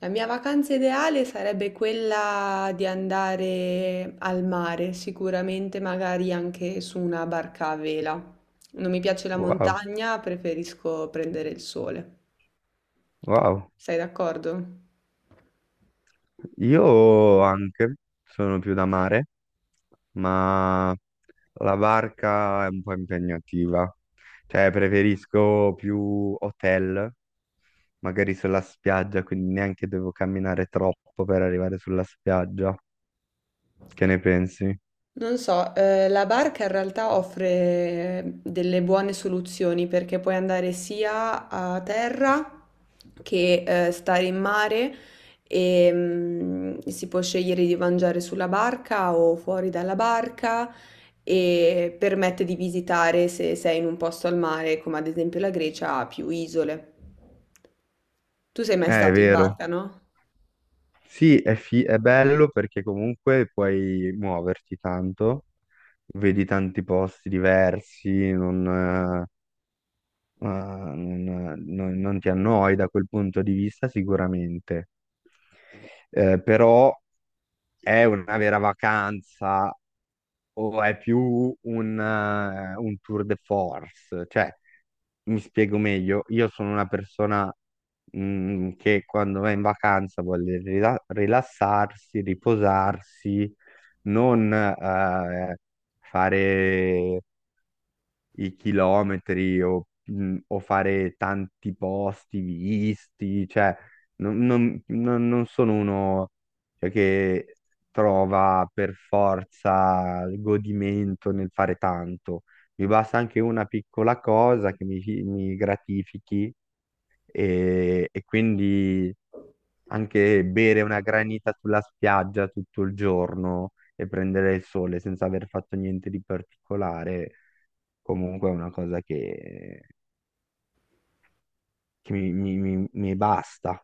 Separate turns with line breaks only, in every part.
La mia vacanza ideale sarebbe quella di andare al mare, sicuramente magari anche su una barca a vela. Non mi piace la
Wow,
montagna, preferisco prendere il sole.
wow.
Sei d'accordo?
Io anche sono più da mare, ma la barca è un po' impegnativa. Cioè, preferisco più hotel, magari sulla spiaggia, quindi neanche devo camminare troppo per arrivare sulla spiaggia. Che ne pensi?
Non so, la barca in realtà offre delle buone soluzioni perché puoi andare sia a terra che stare in mare e si può scegliere di mangiare sulla barca o fuori dalla barca e permette di visitare, se sei in un posto al mare, come ad esempio la Grecia, più isole. Tu sei mai
È
stato in
vero.
barca, no?
Sì, è, è bello perché comunque puoi muoverti tanto, vedi tanti posti diversi, non, eh, Ah, non, non- non ti annoi da quel punto di vista sicuramente. Però è una vera vacanza o è più un tour de force. Cioè, mi spiego meglio: io sono una persona che quando va in vacanza vuole rilassarsi, riposarsi, non fare i chilometri o fare tanti posti visti. Cioè non sono uno, cioè, che trova per forza il godimento nel fare tanto. Mi basta anche una piccola cosa che mi gratifichi e quindi anche bere una granita sulla spiaggia tutto il giorno e prendere il sole senza aver fatto niente di particolare comunque è una cosa che mi basta.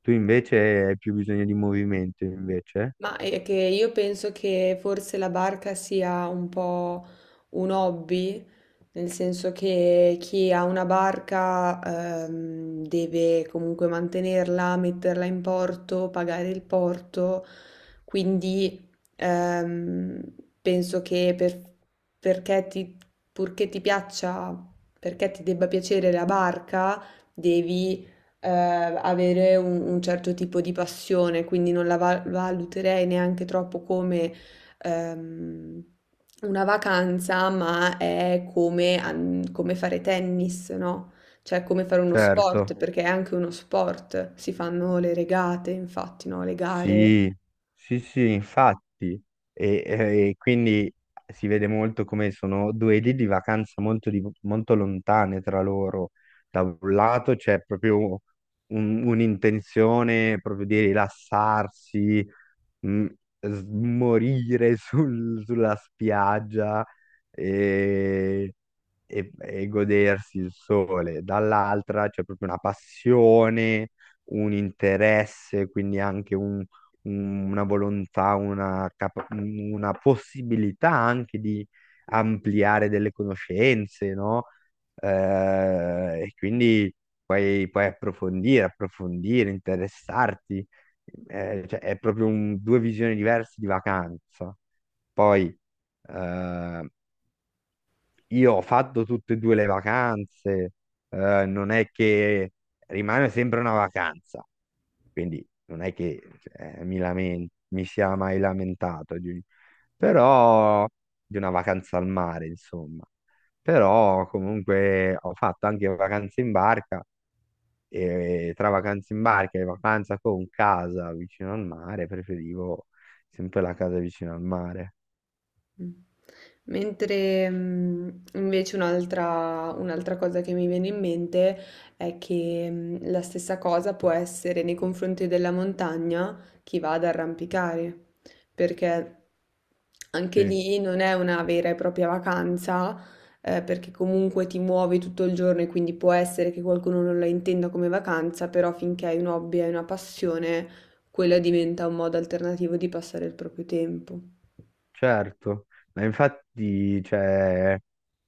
Tu invece hai più bisogno di movimento, invece?
Ma è che io penso che forse la barca sia un po' un hobby, nel senso che chi ha una barca deve comunque mantenerla, metterla in porto, pagare il porto, quindi ehm, penso che per- perché ti, purché ti piaccia, perché ti debba piacere la barca, devi avere un certo tipo di passione, quindi non la valuterei neanche troppo come ehm, una vacanza, ma è come, come fare tennis, no? Cioè come fare uno sport,
Certo.
perché è anche uno sport, si fanno le regate, infatti, no? Le gare.
Sì, sì, sì, infatti. E quindi si vede molto come sono due idee di vacanza molto, molto lontane tra loro. Da un lato c'è proprio un'intenzione proprio di rilassarsi, mm, morire sulla spiaggia e, e godersi il sole. Dall'altra c'è proprio una passione, un interesse, quindi anche una volontà, una possibilità anche di ampliare delle conoscenze, no? Eh, e quindi puoi approfondire, approfondire, interessarti. Cioè, è proprio due visioni diverse di vacanza. Poi eh, io ho fatto tutte e due le vacanze. Non è che rimane sempre una vacanza, quindi non è che mi sia mai lamentato però di una vacanza al mare, insomma. Però comunque ho fatto anche vacanze in barca e tra vacanze in barca e vacanza con casa vicino al mare, preferivo sempre la casa vicino al mare.
Mm. Mentre invece un'altra cosa che mi viene in mente è che la stessa cosa può essere nei confronti della montagna. Chi va ad arrampicare, perché anche
Sì,
lì non è una vera e propria vacanza, perché comunque ti muovi tutto il giorno e quindi può essere che qualcuno non la intenda come vacanza, però finché hai un hobby e una passione, quella diventa un modo alternativo di passare il proprio tempo.
certo. Ma infatti, cioè,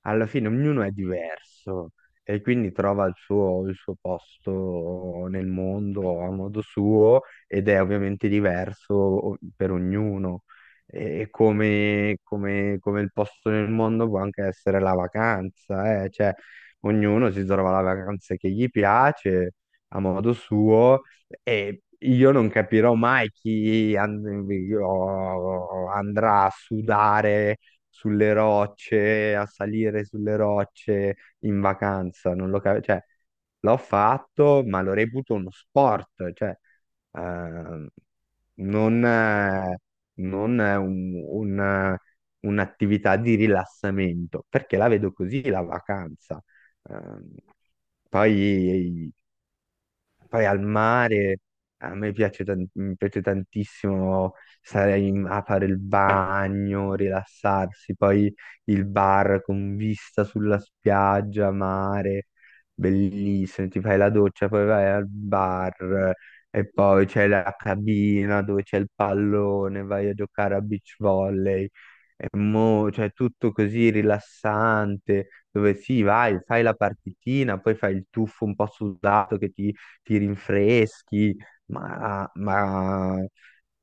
alla fine ognuno è diverso e quindi trova il suo posto nel mondo a modo suo ed è ovviamente diverso per ognuno. E come, come il posto nel mondo può anche essere la vacanza, eh. Cioè, ognuno si trova la vacanza che gli piace a modo suo e io non capirò mai chi io andrà a sudare sulle rocce, a salire sulle rocce in vacanza, non lo capivo. Cioè, l'ho fatto, ma lo reputo uno sport. Cioè ehm, non, eh, non è un'attività di rilassamento, perché la vedo così la vacanza. Ehm, Poi, poi al mare a me piace, mi piace tantissimo stare a fare il bagno, rilassarsi, poi il bar con vista sulla spiaggia, mare, bellissimo, ti fai la doccia, poi vai al bar e poi c'è la cabina dove c'è il pallone, vai a giocare a beach volley. E mo, cioè tutto così rilassante, dove sì, vai, fai la partitina, poi fai il tuffo un po' sudato che ti rinfreschi, ma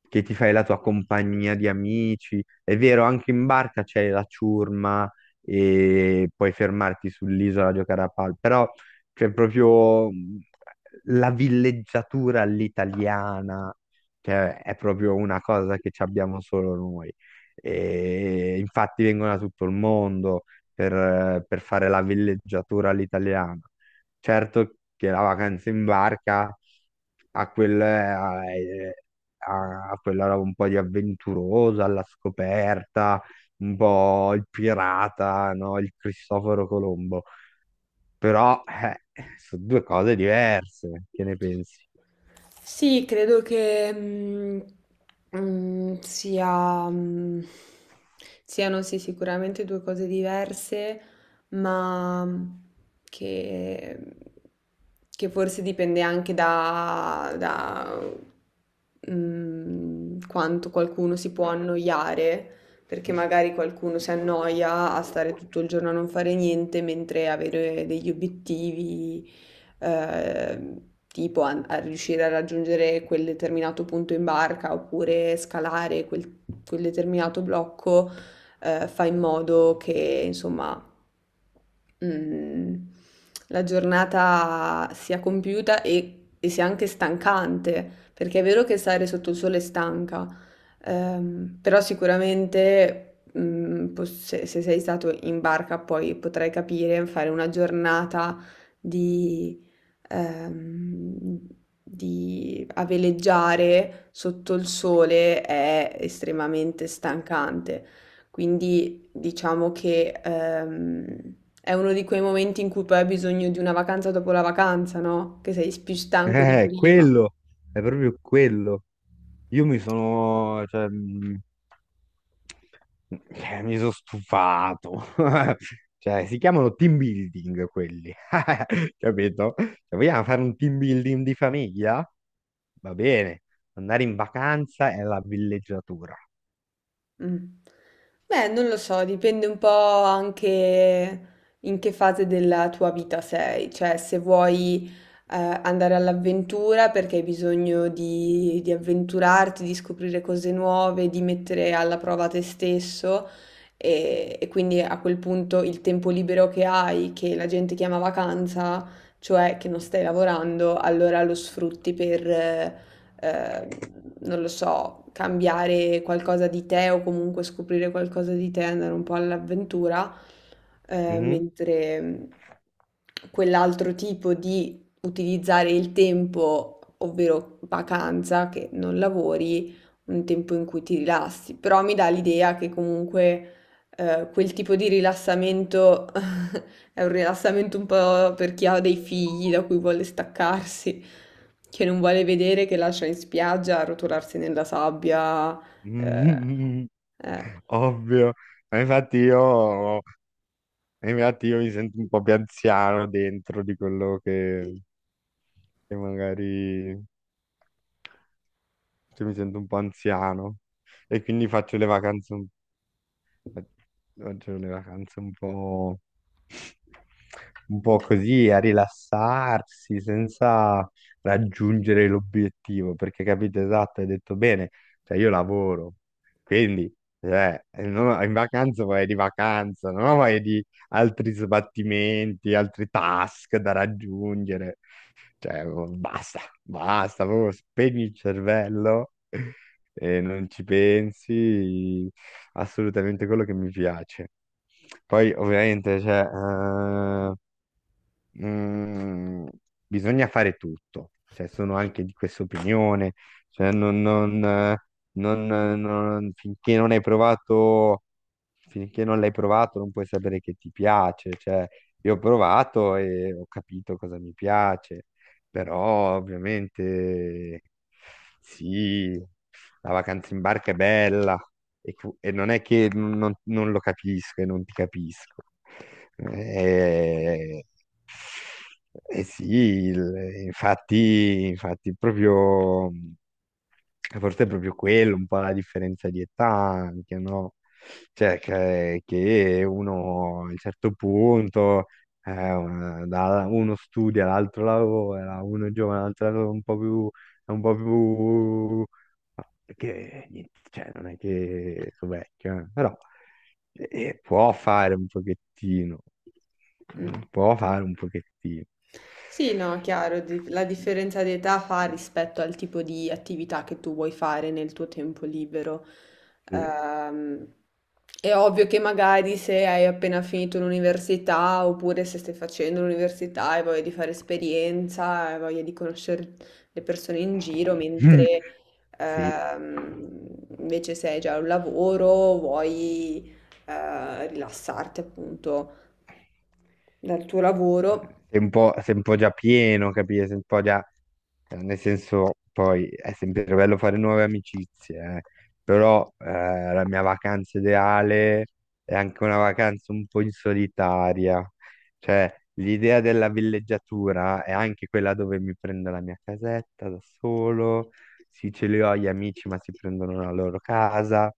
che ti fai la tua compagnia di amici. È vero, anche in barca c'è la ciurma e puoi fermarti sull'isola a giocare a pal, però c'è proprio la villeggiatura all'italiana, che è proprio una cosa che ci abbiamo solo noi. E infatti vengono da tutto il mondo per fare la villeggiatura all'italiana. Certo che la vacanza in barca ha ha quella roba un po' di avventurosa, alla scoperta, un po' il pirata, no? Il Cristoforo Colombo. Però sono due cose diverse, che ne pensi?
Sì, credo che sia, siano, sì, sicuramente due cose diverse, ma che, che forse dipende anche da, da, mm, quanto qualcuno si può annoiare, perché magari qualcuno si annoia a stare tutto il giorno a non fare niente, mentre avere degli obiettivi, eh, tipo a riuscire a raggiungere quel determinato punto in barca oppure scalare quel, quel determinato blocco, fa in modo che, insomma, mhmm, la giornata sia compiuta e sia anche stancante, perché è vero che stare sotto il sole è stanca, però sicuramente, mhmm, pos se sei stato in barca poi potrai capire, fare una giornata di ehm, di a veleggiare sotto il sole è estremamente stancante. Quindi diciamo che, è uno di quei momenti in cui poi hai bisogno di una vacanza dopo la vacanza, no? Che sei più stanco di
Eh,
prima.
quello, è proprio quello. Io mi sono, cioè, mm, mi sono stufato. Cioè, si chiamano team building quelli, capito? Se vogliamo fare un team building di famiglia? Va bene, andare in vacanza è la villeggiatura.
Mh. Beh, non lo so, dipende un po' anche in che fase della tua vita sei, cioè se vuoi, andare all'avventura perché hai bisogno di avventurarti, di scoprire cose nuove, di mettere alla prova te stesso, e quindi a quel punto il tempo libero che hai, che la gente chiama vacanza, cioè che non stai lavorando, allora lo sfrutti per ehm, non lo so, cambiare qualcosa di te o comunque scoprire qualcosa di te, andare un po' all'avventura,
Mhm.
mentre quell'altro tipo di utilizzare il tempo, ovvero vacanza, che non lavori, un tempo in cui ti rilassi, però mi dà l'idea che comunque, quel tipo di rilassamento è un rilassamento un po' per chi ha dei figli da cui vuole staccarsi, che non vuole vedere, che lascia in spiaggia arrotolarsi nella sabbia. eh,
Mhm.
eh,
Ovvio. Ma infatti io, infatti io mi sento un po' più anziano dentro di quello che magari cioè, mi sento un po' anziano e quindi faccio le vacanze. Oggi le vacanze un po' così, a rilassarsi senza raggiungere l'obiettivo, perché capite esatto, hai detto bene. Cioè io lavoro, quindi cioè, non ho- in vacanza vai di vacanza, non ho vai di altri sbattimenti, altri task da raggiungere. Cioè, basta, proprio spegni il cervello e non ci pensi assolutamente, quello che mi piace. Poi, ovviamente, cioè, mm, bisogna fare tutto, cioè sono anche di questa opinione. Cioè finché non hai provato, finché non l'hai provato non puoi sapere che ti piace. Cioè io ho provato e ho capito cosa mi piace, però ovviamente sì, la vacanza in barca è bella e non è che non lo capisco e non ti capisco. Eh, eh sì, infatti, infatti proprio... forse è proprio quello, un po' la differenza di età anche, no? Cioè, che uno a un certo punto, uno studia, l'altro lavora, uno è giovane, l'altro è un po' più, è un po' più... Che, niente, cioè, non è che sono vecchio, però può fare un pochettino,
mm.
può fare un pochettino.
Sì, no, chiaro, la differenza di età fa rispetto al tipo di attività che tu vuoi fare nel tuo tempo libero.
Sì.
Ehm, è ovvio che magari se hai appena finito l'università oppure se stai facendo l'università e voglia di fare esperienza, hai voglia di conoscere le persone in giro, mentre
Sì.
ehm, invece se hai già un lavoro, vuoi rilassarti, appunto, dal tuo lavoro.
Sei un po' già pieno, capito? Sei un po' già... nel senso, poi è sempre bello fare nuove amicizie, eh. Però la mia vacanza ideale è anche una vacanza un po' in solitaria. Cioè, l'idea della villeggiatura è anche quella dove mi prendo la mia casetta da solo. Sì, ce li ho gli amici, ma si prendono la loro casa.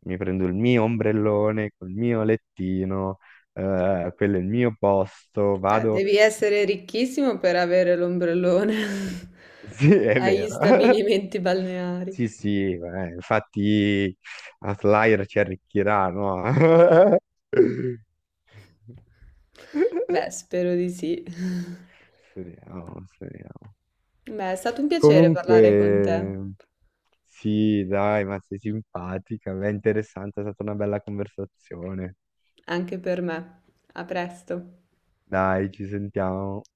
Mi prendo il mio ombrellone col mio lettino, quello è il mio posto, vado...
Devi essere ricchissimo per avere l'ombrellone
Sì, è
agli
vero.
stabilimenti
Sì,
balneari.
sì, infatti Outlier ci arricchirà, no?
Beh, spero di sì.
Speriamo, speriamo.
Beh, è stato un piacere parlare con te,
Comunque, sì, dai, ma sei simpatica, è interessante, è stata una bella conversazione.
anche per me. A presto.
Dai, ci sentiamo.